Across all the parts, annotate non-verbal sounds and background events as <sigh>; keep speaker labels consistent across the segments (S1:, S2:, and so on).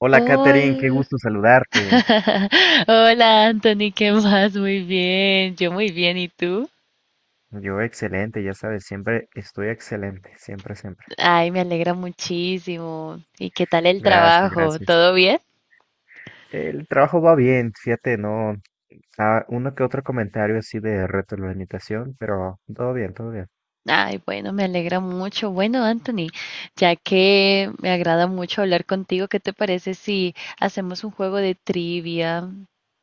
S1: Hola, Katherine, qué
S2: Hola,
S1: gusto saludarte.
S2: <laughs> hola Anthony, ¿qué más? Muy bien, yo muy bien, ¿y tú?
S1: Yo excelente, ya sabes, siempre estoy excelente, siempre, siempre.
S2: Ay, me alegra muchísimo. ¿Y qué tal el
S1: Gracias,
S2: trabajo?
S1: gracias.
S2: ¿Todo bien?
S1: El trabajo va bien, fíjate, no, uno que otro comentario así de retroalimentación, pero todo bien, todo bien.
S2: Ay, bueno, me alegra mucho. Bueno, Anthony, ya que me agrada mucho hablar contigo, ¿qué te parece si hacemos un juego de trivia?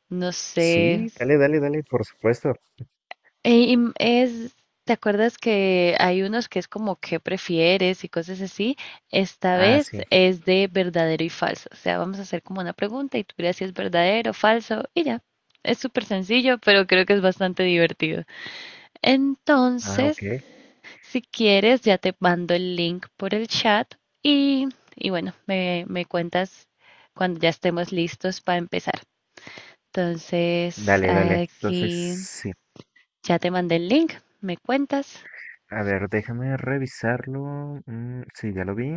S2: No sé.
S1: Sí, dale, dale, dale, por supuesto.
S2: Eh, y im- Es, ¿Te acuerdas que hay unos que es como qué prefieres y cosas así? Esta
S1: Ah,
S2: vez
S1: sí.
S2: es de verdadero y falso. O sea, vamos a hacer como una pregunta y tú dirás si es verdadero o falso y ya. Es súper sencillo, pero creo que es bastante divertido.
S1: Ah,
S2: Entonces,
S1: ok.
S2: si quieres, ya te mando el link por el chat y, y bueno, me cuentas cuando ya estemos listos para empezar. Entonces,
S1: Dale, dale. Entonces,
S2: aquí
S1: sí.
S2: ya te mandé el link, me cuentas.
S1: A ver, déjame revisarlo. Mm, sí, ya lo vi.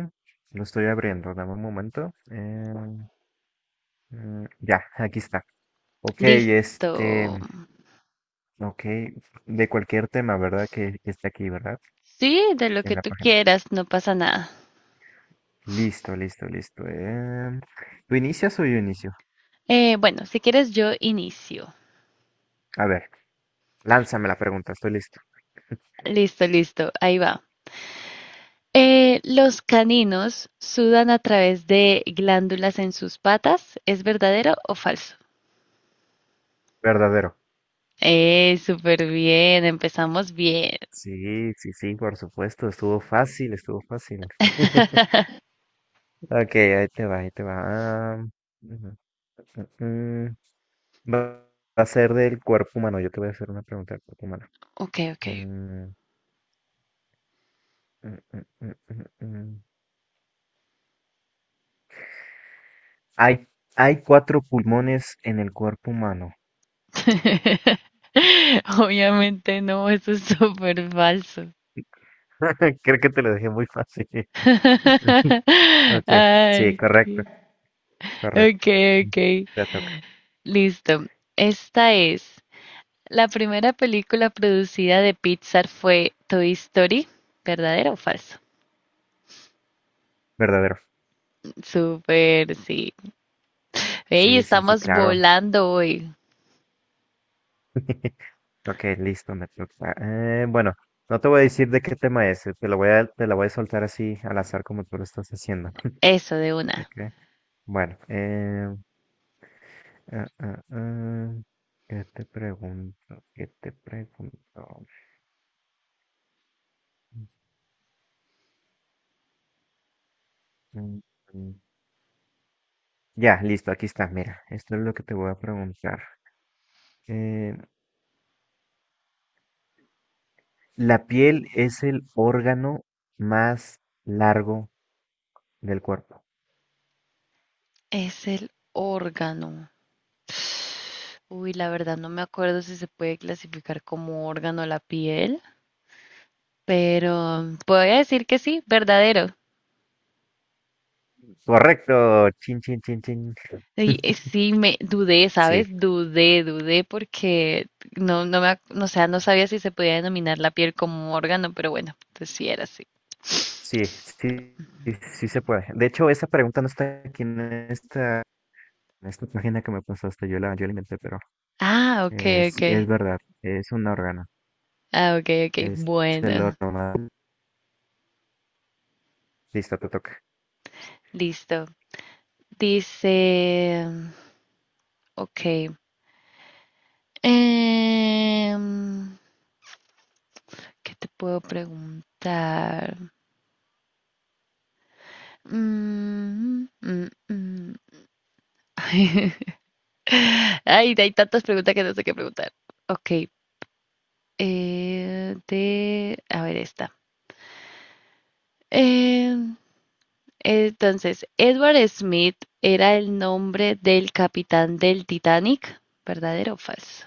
S1: Lo estoy abriendo. Dame un momento. Ya, aquí está. Ok,
S2: Listo.
S1: este, ok, de cualquier tema, ¿verdad? Que esté aquí, ¿verdad?
S2: Sí, de lo
S1: En
S2: que
S1: la
S2: tú
S1: página.
S2: quieras, no pasa nada.
S1: Listo, listo, listo. ¿Tú inicias o yo inicio?
S2: Bueno, si quieres yo inicio.
S1: A ver, lánzame la pregunta, estoy listo.
S2: Listo, listo, ahí va. Los caninos sudan a través de glándulas en sus patas. ¿Es verdadero o falso?
S1: Verdadero.
S2: Súper bien, empezamos bien.
S1: Sí, sí, sí, por supuesto, estuvo fácil, estuvo fácil. <laughs> Ok, ahí te va, ahí te va. ah, ujú, mm, Va va a ser del cuerpo humano, yo te voy a hacer una pregunta del cuerpo humano.
S2: Ok, ok.
S1: Mm, mm, mm, mm, mm, mm. Hay, hay cuatro pulmones en el cuerpo humano.
S2: <laughs> Obviamente no, eso es súper falso.
S1: <laughs> Creo que te lo dejé muy fácil. <laughs>
S2: <laughs>
S1: Ok, sí,
S2: Ay,
S1: correcto,
S2: qué-
S1: correcto.
S2: ok,
S1: Mm,
S2: ok.
S1: Te toca.
S2: Listo. Esta es. La primera película producida de Pixar fue Toy Story. ¿Verdadero o falso?
S1: Verdadero.
S2: Súper, sí. Ey,
S1: Sí, sí, sí,
S2: estamos
S1: claro.
S2: volando hoy.
S1: <laughs> Ok, listo, me toca. Bueno, no te voy a decir de qué tema es, te la voy a soltar así al azar como tú lo estás haciendo. <laughs>
S2: Eso de una.
S1: Ok, bueno. Ah, ah, ah, ¿Qué te pregunto? ¿Qué te pregunto? Mm, mm, Ya, listo, aquí está. Mira, esto es lo que te voy a preguntar. Eh, la piel es el órgano más largo del cuerpo.
S2: Es el órgano. Uy, la verdad no me acuerdo si se puede clasificar como órgano la piel, pero voy a decir que sí, verdadero.
S1: Correcto. Chin, chin, chin, chin.
S2: Sí,
S1: <laughs>
S2: sí, me dudé,
S1: Sí,
S2: ¿sabes? Dudé porque no, o sea, no sabía si se podía denominar la piel como órgano, pero bueno, pues sí era así.
S1: sí, sí, sí, sí se puede. De hecho, esa pregunta no está aquí en esta, esta página que me pasaste. Yo la inventé, pero
S2: Ah, ok,
S1: sí,
S2: ok.
S1: es verdad. Es un órgano.
S2: Ah, ok, ok.
S1: Es el
S2: Bueno,
S1: órgano más. Listo, te toca.
S2: listo. Dice, ok. Em, ¿Qué te puedo preguntar? Mm, mm, mm. <laughs> Ay, hay tantas preguntas que no sé qué preguntar. Ok. A ver esta. Eh, entonces, Edward Smith era el nombre del capitán del Titanic, ¿verdadero o falso?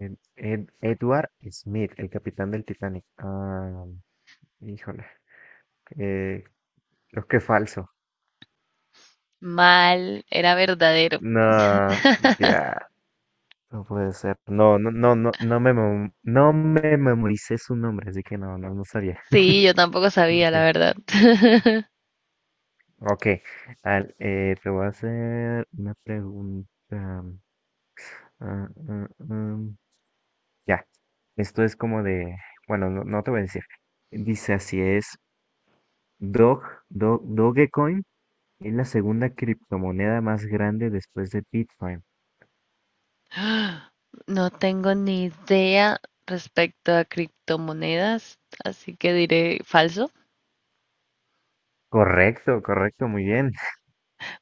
S1: Edward Smith, el capitán del Titanic. Ah, híjole. Eh, creo que falso.
S2: Mal, era verdadero.
S1: No, ya, no puede ser. No, no, no, no, no me memoricé su nombre, así que no, no, no sabía.
S2: Sí, yo tampoco sabía, la
S1: <laughs>
S2: verdad. <laughs>
S1: Ok, te voy a hacer una pregunta. Ah, ah, ah, Ya, esto es como de, bueno, no, no te voy a decir. Dice así es, Dog, Dogecoin es la segunda criptomoneda más grande después de Bitcoin.
S2: No tengo ni idea respecto a criptomonedas, así que diré falso.
S1: Correcto, correcto, muy bien.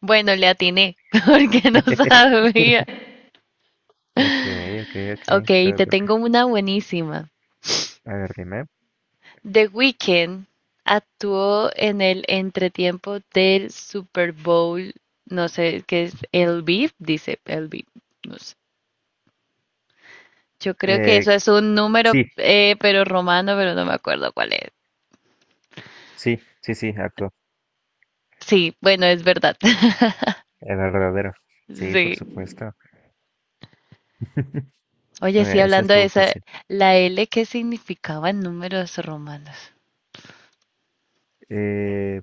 S2: Bueno, le atiné <laughs> porque no sabía.
S1: <laughs> Ok, ok, ok.
S2: Ok,
S1: Te
S2: te
S1: toca.
S2: tengo una buenísima.
S1: A ver, dime.
S2: The Weeknd actuó en el entretiempo del Super Bowl, no sé qué es, el beat, dice el beat, no sé. Yo creo que eso
S1: Eh,
S2: es un número,
S1: sí,
S2: pero romano, pero no me acuerdo cuál es.
S1: sí, sí, sí, actuó.
S2: Sí, bueno, es verdad. <laughs>
S1: El verdadero. Sí,
S2: Sí.
S1: por supuesto. <laughs>
S2: Oye, sí,
S1: Esa
S2: hablando de
S1: estuvo
S2: esa,
S1: fácil.
S2: la L, ¿qué significaba en números romanos?
S1: Eh,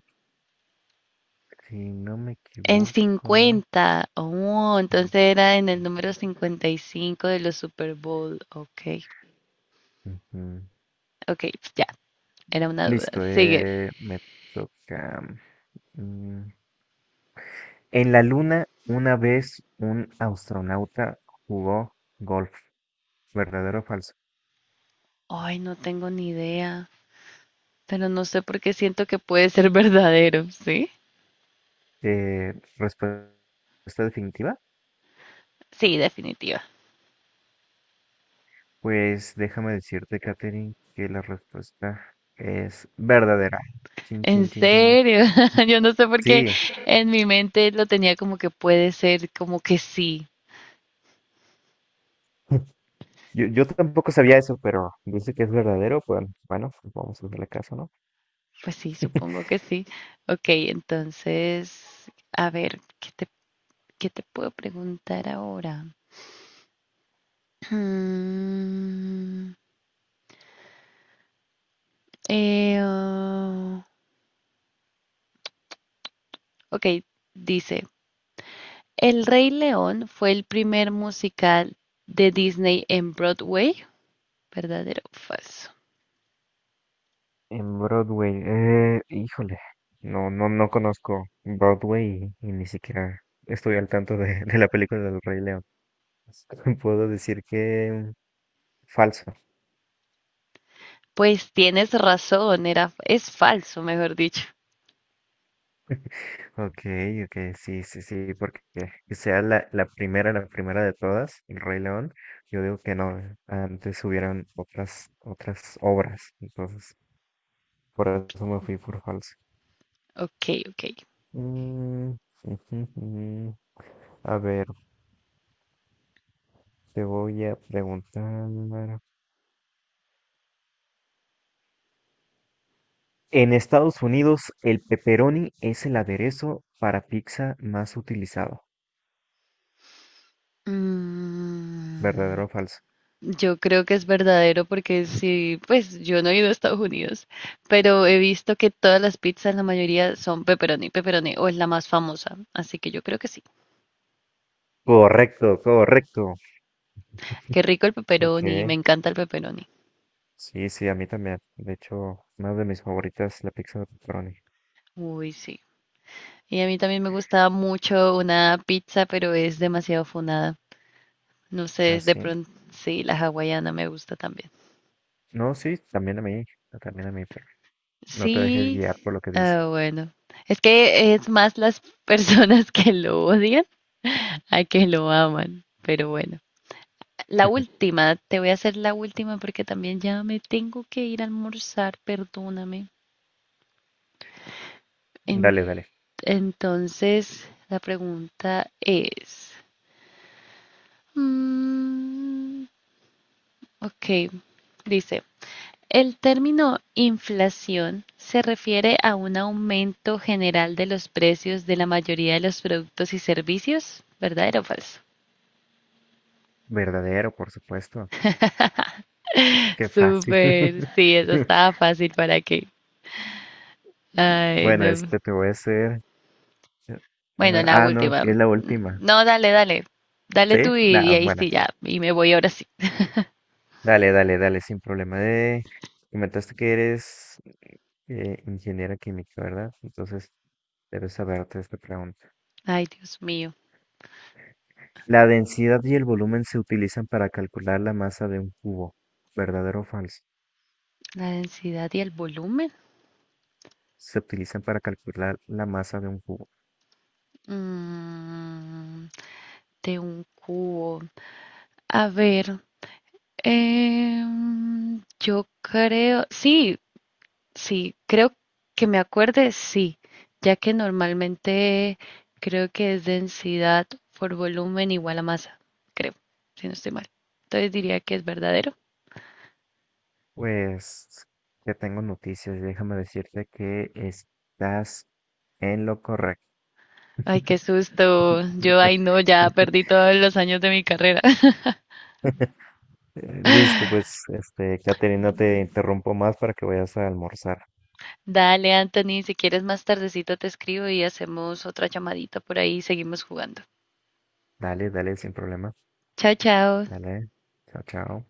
S1: si no me
S2: En
S1: equivoco.
S2: 50. Oh,
S1: Sí,
S2: entonces era en el número 55 de los Super Bowl. Ok,
S1: ujú.
S2: ok, ya. Era una duda.
S1: Listo,
S2: Sigue.
S1: me toca. mm, En la luna, una vez un astronauta jugó golf. ¿Verdadero o falso?
S2: Ay, no tengo ni idea, pero no sé por qué siento que puede ser <laughs> verdadero, ¿sí?
S1: Respuesta definitiva.
S2: Sí, definitiva.
S1: Pues déjame decirte, Katherine, que la respuesta es verdadera. Chin,
S2: En
S1: chin, chin, chin.
S2: serio, <laughs> yo no sé por qué
S1: Sí,
S2: en mi mente lo tenía como que puede ser, como que sí.
S1: yo tampoco sabía eso, pero dice que es verdadero, pues bueno, pues vamos a hacerle caso, ¿no?
S2: Pues sí, supongo que sí. Ok, entonces, a ver, ¿qué te puedo preguntar ahora? <clears throat> Mm, eh, oh, ok, dice, El Rey León fue el primer musical de Disney en Broadway, ¿verdadero o falso?
S1: En Broadway, híjole, no, no, no conozco Broadway y ni siquiera estoy al tanto de la película del Rey León. <laughs> Puedo decir que falso.
S2: Pues tienes razón, era, es falso, mejor dicho.
S1: Okay, okay, sí, sí, sí, porque que sea la primera, la primera de todas, El Rey León, yo digo que no, antes hubieran otras obras, entonces, por eso me fui por falso.
S2: Ok, ok.
S1: Mm, ujujujú. A ver, te voy a preguntar. En Estados Unidos, el pepperoni es el aderezo para pizza más utilizado,
S2: Mm,
S1: ¿verdadero o falso?
S2: yo creo que es verdadero porque sí, pues yo no he ido a Estados Unidos, pero he visto que todas las pizzas, la mayoría son pepperoni, pepperoni, o es la más famosa, así que yo creo que sí.
S1: Correcto, correcto.
S2: Qué rico el pepperoni, me
S1: Ok,
S2: encanta el pepperoni.
S1: sí, sí, a mí también. De hecho, una de mis favoritas es la pizza de pepperoni.
S2: Uy, sí. Y a mí también me gustaba mucho una pizza, pero es demasiado funada. No sé,
S1: ¿Ah,
S2: es de
S1: sí?
S2: pronto, sí, la hawaiana me gusta también.
S1: No, sí, también a mí. También a mí, pero no te dejes guiar
S2: Sí,
S1: por lo que dice.
S2: ah, bueno. Es que es más las <laughs> personas que lo odian a que lo aman, pero bueno. La
S1: <laughs>
S2: última, te voy a hacer la última porque también ya me tengo que ir a almorzar, perdóname. En-
S1: Dale, dale.
S2: entonces, la pregunta es, mm, ok, dice. El término inflación se refiere a un aumento general de los precios de la mayoría de los productos y servicios, ¿verdadero o falso?
S1: Verdadero, por supuesto.
S2: <laughs>
S1: Qué fácil.
S2: Súper, sí, eso
S1: <laughs>
S2: estaba fácil, ¿para qué? Ay,
S1: Bueno,
S2: no.
S1: este te voy a hacer. eh,
S2: Bueno,
S1: Ah,
S2: la
S1: ah, no,
S2: última.
S1: que es la última.
S2: No, dale, dale. Dale
S1: ¿Sí?
S2: tú y
S1: Nah,
S2: ahí
S1: bueno.
S2: sí ya. Y me voy ahora sí. <laughs>
S1: Dale, dale, dale, sin problema. De. Comentaste que eres ingeniera química, ¿verdad? Entonces, debes saberte esta pregunta.
S2: Ay, Dios mío.
S1: La densidad y el volumen se utilizan para calcular la masa de un cubo. ¿Verdadero o falso?
S2: La densidad y el volumen.
S1: Se utilizan para calcular la masa de un cubo.
S2: Mm, de un cubo. A ver. Yo creo, sí, sí, creo que me acuerde, sí, ya que normalmente creo que es densidad por volumen igual a masa, creo, si no estoy mal. Entonces diría que es verdadero.
S1: Pues ya tengo noticias. Déjame decirte que estás en lo correcto.
S2: Ay, qué susto. Yo, ay,
S1: <laughs>
S2: no, ya perdí todos los años de mi carrera. <laughs>
S1: Listo, pues, este, Caterina, te interrumpo más para que vayas a almorzar.
S2: Dale, Anthony, si quieres más tardecito te escribo y hacemos otra llamadita por ahí y seguimos jugando.
S1: Dale, dale, sin problema.
S2: Chao, chao.
S1: Dale. Chao, chao.